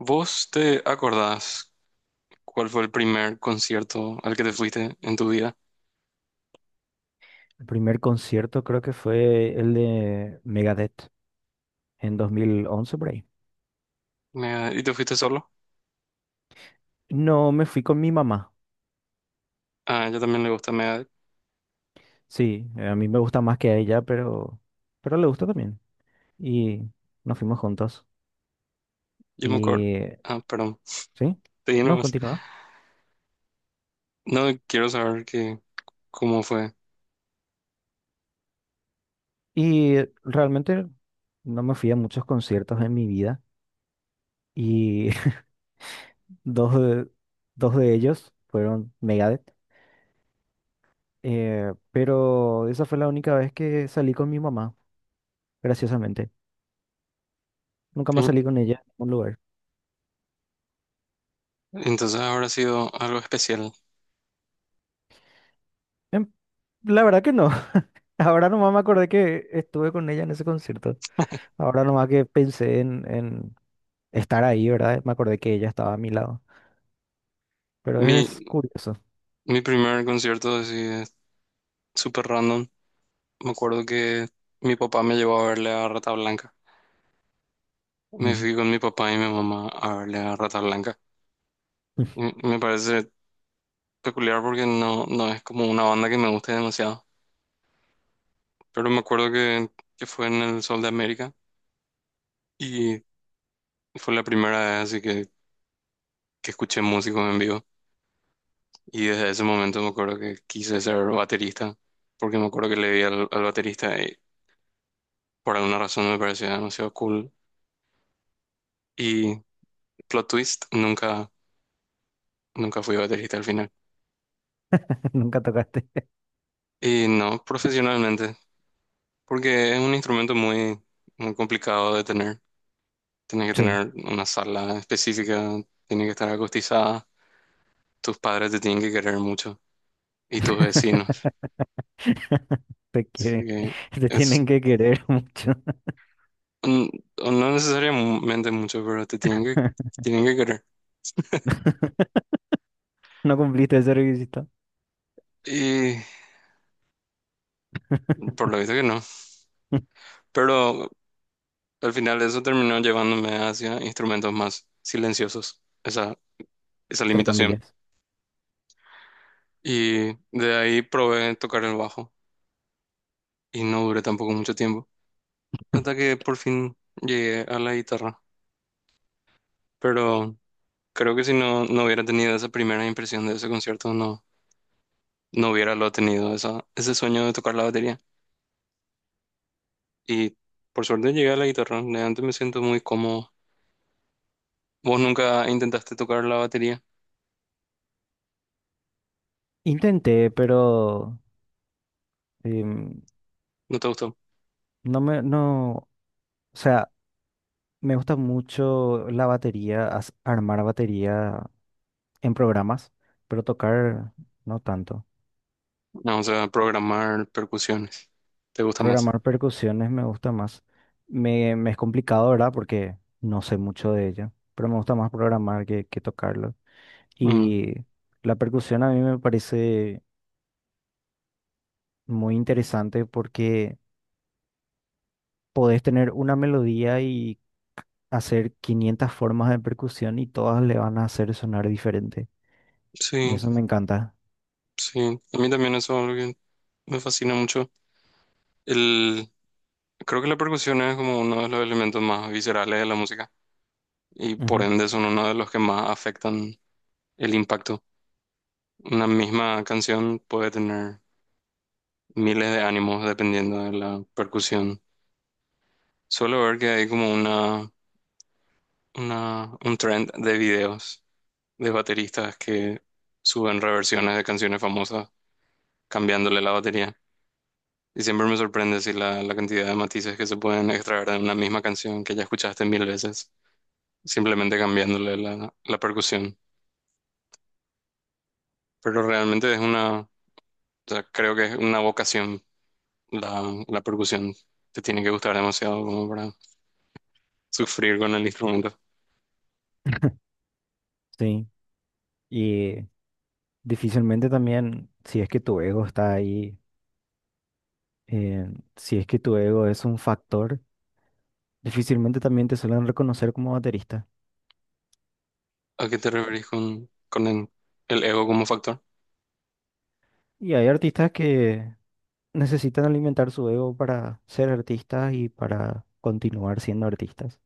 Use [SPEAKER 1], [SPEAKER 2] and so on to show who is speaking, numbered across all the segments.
[SPEAKER 1] ¿Vos te acordás cuál fue el primer concierto al que te fuiste en tu vida?
[SPEAKER 2] El primer concierto creo que fue el de Megadeth en 2011 por ahí.
[SPEAKER 1] Megadeth. ¿Y te fuiste solo?
[SPEAKER 2] No, me fui con mi mamá.
[SPEAKER 1] Ah, yo también le gusta Megadeth.
[SPEAKER 2] Sí, a mí me gusta más que a ella, pero le gusta también. Y nos fuimos juntos.
[SPEAKER 1] Yo me acuerdo.
[SPEAKER 2] Y
[SPEAKER 1] Ah, perdón.
[SPEAKER 2] sí,
[SPEAKER 1] Te di
[SPEAKER 2] no,
[SPEAKER 1] nomás.
[SPEAKER 2] continúa.
[SPEAKER 1] No quiero saber que, cómo fue.
[SPEAKER 2] Y realmente no me fui a muchos conciertos en mi vida. Y dos de, dos de ellos fueron Megadeth. Pero esa fue la única vez que salí con mi mamá, graciosamente. Nunca más
[SPEAKER 1] Sí.
[SPEAKER 2] salí con ella en ningún lugar.
[SPEAKER 1] Entonces habrá sido algo especial.
[SPEAKER 2] Em, La verdad que no. Ahora nomás me acordé que estuve con ella en ese concierto. Ahora nomás que pensé en estar ahí, ¿verdad? Me acordé que ella estaba a mi lado. Pero
[SPEAKER 1] Mi,
[SPEAKER 2] es curioso.
[SPEAKER 1] mi primer concierto así es súper random. Me acuerdo que mi papá me llevó a verle a Rata Blanca. Me
[SPEAKER 2] Mm.
[SPEAKER 1] fui con mi papá y mi mamá a verle a Rata Blanca. Y me parece peculiar porque no es como una banda que me guste demasiado. Pero me acuerdo que fue en el Sol de América y fue la primera vez así que escuché músicos en vivo. Y desde ese momento me acuerdo que quise ser baterista porque me acuerdo que le vi al baterista y por alguna razón me parecía demasiado cool. Y plot twist, nunca fui baterista al final.
[SPEAKER 2] Nunca tocaste.
[SPEAKER 1] Y no profesionalmente, porque es un instrumento muy complicado de tener. Tienes que
[SPEAKER 2] Sí.
[SPEAKER 1] tener una sala específica, tiene que estar acustizada, tus padres te tienen que querer mucho y tus vecinos.
[SPEAKER 2] Te
[SPEAKER 1] Así
[SPEAKER 2] quieren.
[SPEAKER 1] que
[SPEAKER 2] Te tienen
[SPEAKER 1] es
[SPEAKER 2] que querer mucho.
[SPEAKER 1] mm, o no necesariamente mucho, pero te tienen tienen que querer.
[SPEAKER 2] No cumpliste ese requisito.
[SPEAKER 1] Y por lo visto que no. Pero al final eso terminó llevándome hacia instrumentos más silenciosos, esa
[SPEAKER 2] Entre
[SPEAKER 1] limitación.
[SPEAKER 2] comillas.
[SPEAKER 1] Y de ahí probé tocar el bajo y no duré tampoco mucho tiempo, hasta que por fin llegué a la guitarra. Pero creo que si no, no hubiera tenido esa primera impresión de ese concierto, no, no hubiera lo tenido, ese sueño de tocar la batería. Y por suerte llegué a la guitarra, de antes me siento muy cómodo. ¿Vos nunca intentaste tocar la batería?
[SPEAKER 2] Intenté, pero em,
[SPEAKER 1] ¿No te gustó?
[SPEAKER 2] no me, no, o sea, me gusta mucho la batería, armar batería en programas, pero tocar no tanto.
[SPEAKER 1] No, o sea, programar percusiones. ¿Te gusta más?
[SPEAKER 2] Programar percusiones me gusta más. Me es complicado, ¿verdad? Porque no sé mucho de ella, pero me gusta más programar que tocarlo.
[SPEAKER 1] Mm,
[SPEAKER 2] Y la percusión a mí me parece muy interesante porque podés tener una melodía y hacer 500 formas de percusión y todas le van a hacer sonar diferente. Y
[SPEAKER 1] sí,
[SPEAKER 2] eso me encanta.
[SPEAKER 1] sí. A mí también eso es algo que me fascina mucho. El, creo que la percusión es como uno de los elementos más viscerales de la música y por
[SPEAKER 2] Ujú.
[SPEAKER 1] ende son uno de los que más afectan el impacto. Una misma canción puede tener miles de ánimos dependiendo de la percusión. Suelo ver que hay como un trend de videos de bateristas que suben reversiones de canciones famosas cambiándole la batería. Y siempre me sorprende si la cantidad de matices que se pueden extraer de una misma canción que ya escuchaste mil veces, simplemente cambiándole la percusión. Pero realmente es una, o sea, creo que es una vocación la, la percusión. Te tiene que gustar demasiado como para sufrir con el instrumento.
[SPEAKER 2] Sí. Y difícilmente también, si es que tu ego está ahí, eh, si es que tu ego es un factor, difícilmente también te suelen reconocer como baterista.
[SPEAKER 1] ¿A qué te referís con el ego como factor?
[SPEAKER 2] Y hay artistas que necesitan alimentar su ego para ser artistas y para continuar siendo artistas.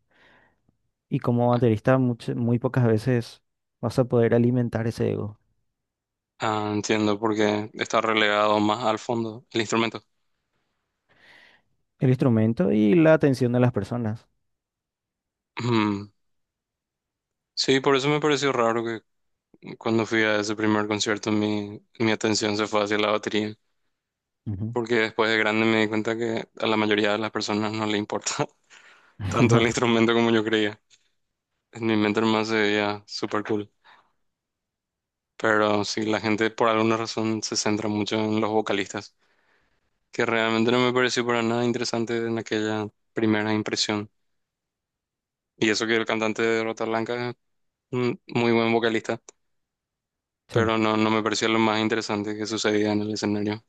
[SPEAKER 2] Y como baterista, muy pocas veces vas a poder alimentar ese ego,
[SPEAKER 1] Ah, entiendo, porque está relegado más al fondo el instrumento.
[SPEAKER 2] el instrumento y la atención de las personas.
[SPEAKER 1] Mm. Sí, por eso me pareció raro que cuando fui a ese primer concierto mi atención se fue hacia la batería,
[SPEAKER 2] Ujú.
[SPEAKER 1] porque después de grande me di cuenta que a la mayoría de las personas no le importa tanto el
[SPEAKER 2] No,
[SPEAKER 1] instrumento como yo creía. En mi mente más se veía súper cool, pero sí, la gente por alguna razón se centra mucho en los vocalistas, que realmente no me pareció para nada interesante en aquella primera impresión. Y eso que el cantante de Rata Blanca es un muy buen vocalista,
[SPEAKER 2] sí.
[SPEAKER 1] pero no, no me pareció lo más interesante que sucedía en el escenario.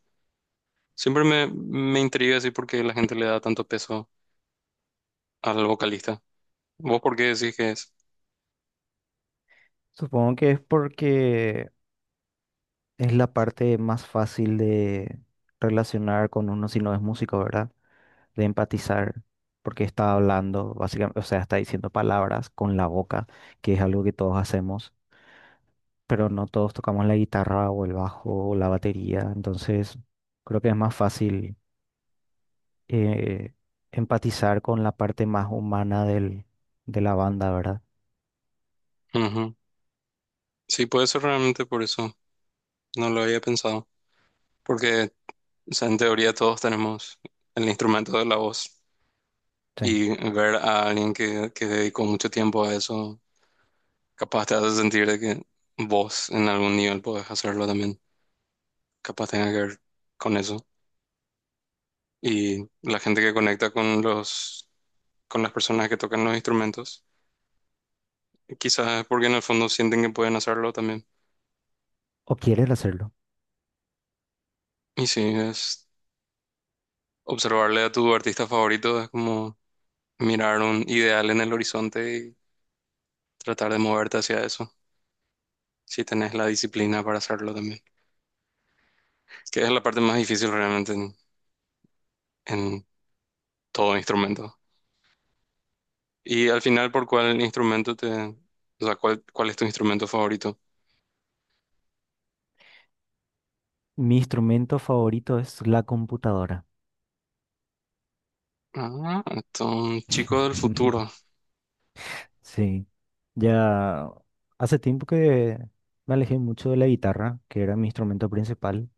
[SPEAKER 1] Siempre me intriga así porque la gente le da tanto peso al vocalista. ¿Vos por qué decís que es?
[SPEAKER 2] Supongo que es porque es la parte más fácil de relacionar con uno si no es músico, ¿verdad? De empatizar, porque está hablando, básicamente, o sea, está diciendo palabras con la boca, que es algo que todos hacemos, pero no todos tocamos la guitarra o el bajo o la batería, entonces creo que es más fácil eh, empatizar con la parte más humana de la banda, ¿verdad?
[SPEAKER 1] Ujú. Sí, puede ser realmente por eso. No lo había pensado. Porque, o sea, en teoría todos tenemos el instrumento de la voz.
[SPEAKER 2] Sí.
[SPEAKER 1] Y ver a alguien que dedicó mucho tiempo a eso capaz te hace sentir de que vos en algún nivel podés hacerlo también. Capaz tenga que ver con eso. Y la gente que conecta con los, con las personas que tocan los instrumentos, quizás es porque en el fondo sienten que pueden hacerlo también.
[SPEAKER 2] ¿O quieres hacerlo?
[SPEAKER 1] Y sí, es observarle a tu artista favorito, es como mirar un ideal en el horizonte y tratar de moverte hacia eso, si tenés la disciplina para hacerlo también. Que es la parte más difícil realmente en todo instrumento. Y al final, ¿por cuál instrumento te... O sea, ¿cuál es tu instrumento favorito?
[SPEAKER 2] Mi instrumento favorito es la computadora.
[SPEAKER 1] Ah, un chico del futuro.
[SPEAKER 2] Sí, ya hace tiempo que me alejé mucho de la guitarra, que era mi instrumento principal.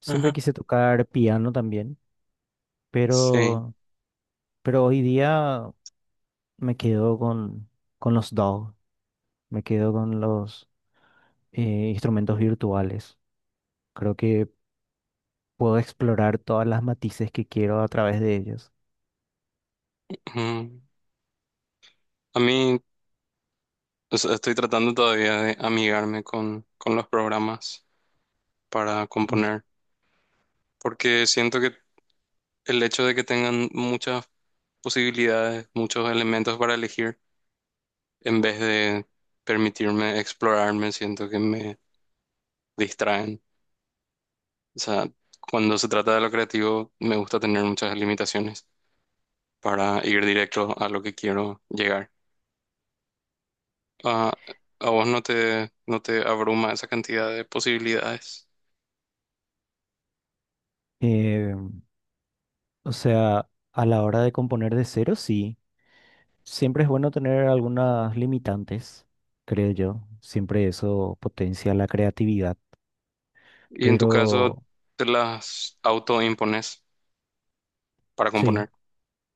[SPEAKER 2] Siempre
[SPEAKER 1] Ajá.
[SPEAKER 2] quise tocar piano también,
[SPEAKER 1] Sí.
[SPEAKER 2] pero, pero hoy día me quedo con los DAW, me quedo con los eh, instrumentos virtuales. Creo que puedo explorar todas las matices que quiero a través de ellos.
[SPEAKER 1] Mm. A mí, o sea, estoy tratando todavía de amigarme con los programas para
[SPEAKER 2] Mm.
[SPEAKER 1] componer, porque siento que el hecho de que tengan muchas posibilidades, muchos elementos para elegir, en vez de permitirme explorarme, siento que me distraen. O sea, cuando se trata de lo creativo, me gusta tener muchas limitaciones, para ir directo a lo que quiero llegar. Ah, a vos no te, no te abruma esa cantidad de posibilidades
[SPEAKER 2] Eh, o sea, a la hora de componer de cero, sí. Siempre es bueno tener algunas limitantes, creo yo. Siempre eso potencia la creatividad.
[SPEAKER 1] y en tu caso
[SPEAKER 2] Pero
[SPEAKER 1] te las autoimpones para
[SPEAKER 2] sí,
[SPEAKER 1] componer.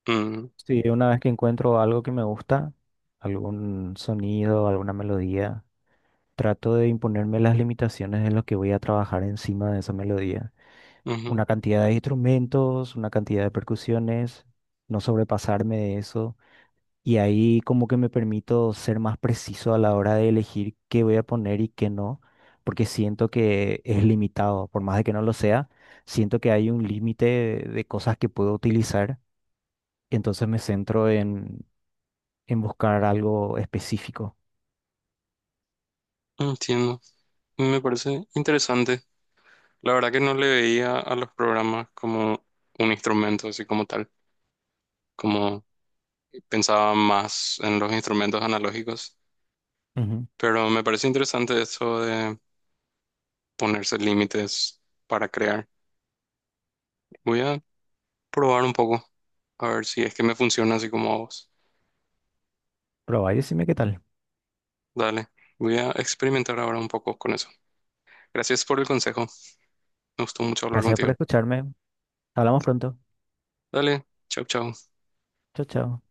[SPEAKER 1] Mm,
[SPEAKER 2] sí, una vez que encuentro algo que me gusta, algún sonido, alguna melodía, trato de imponerme las limitaciones en lo que voy a trabajar encima de esa melodía.
[SPEAKER 1] ujú,
[SPEAKER 2] Una cantidad de instrumentos, una cantidad de percusiones, no sobrepasarme de eso. Y ahí como que me permito ser más preciso a la hora de elegir qué voy a poner y qué no, porque siento que es limitado, por más de que no lo sea, siento que hay un límite de cosas que puedo utilizar, entonces me centro en buscar algo específico.
[SPEAKER 1] entiendo. Me parece interesante. La verdad que no le veía a los programas como un instrumento así como tal, como pensaba más en los instrumentos analógicos,
[SPEAKER 2] Ujú.
[SPEAKER 1] pero me parece interesante eso de ponerse límites para crear. Voy a probar un poco, a ver si es que me funciona así como a vos.
[SPEAKER 2] Probá y decime qué tal.
[SPEAKER 1] Dale, voy a experimentar ahora un poco con eso. Gracias por el consejo, me gustó mucho hablar
[SPEAKER 2] Gracias por
[SPEAKER 1] contigo.
[SPEAKER 2] escucharme. Hablamos pronto.
[SPEAKER 1] Dale, chau, chau.
[SPEAKER 2] Chao, chao.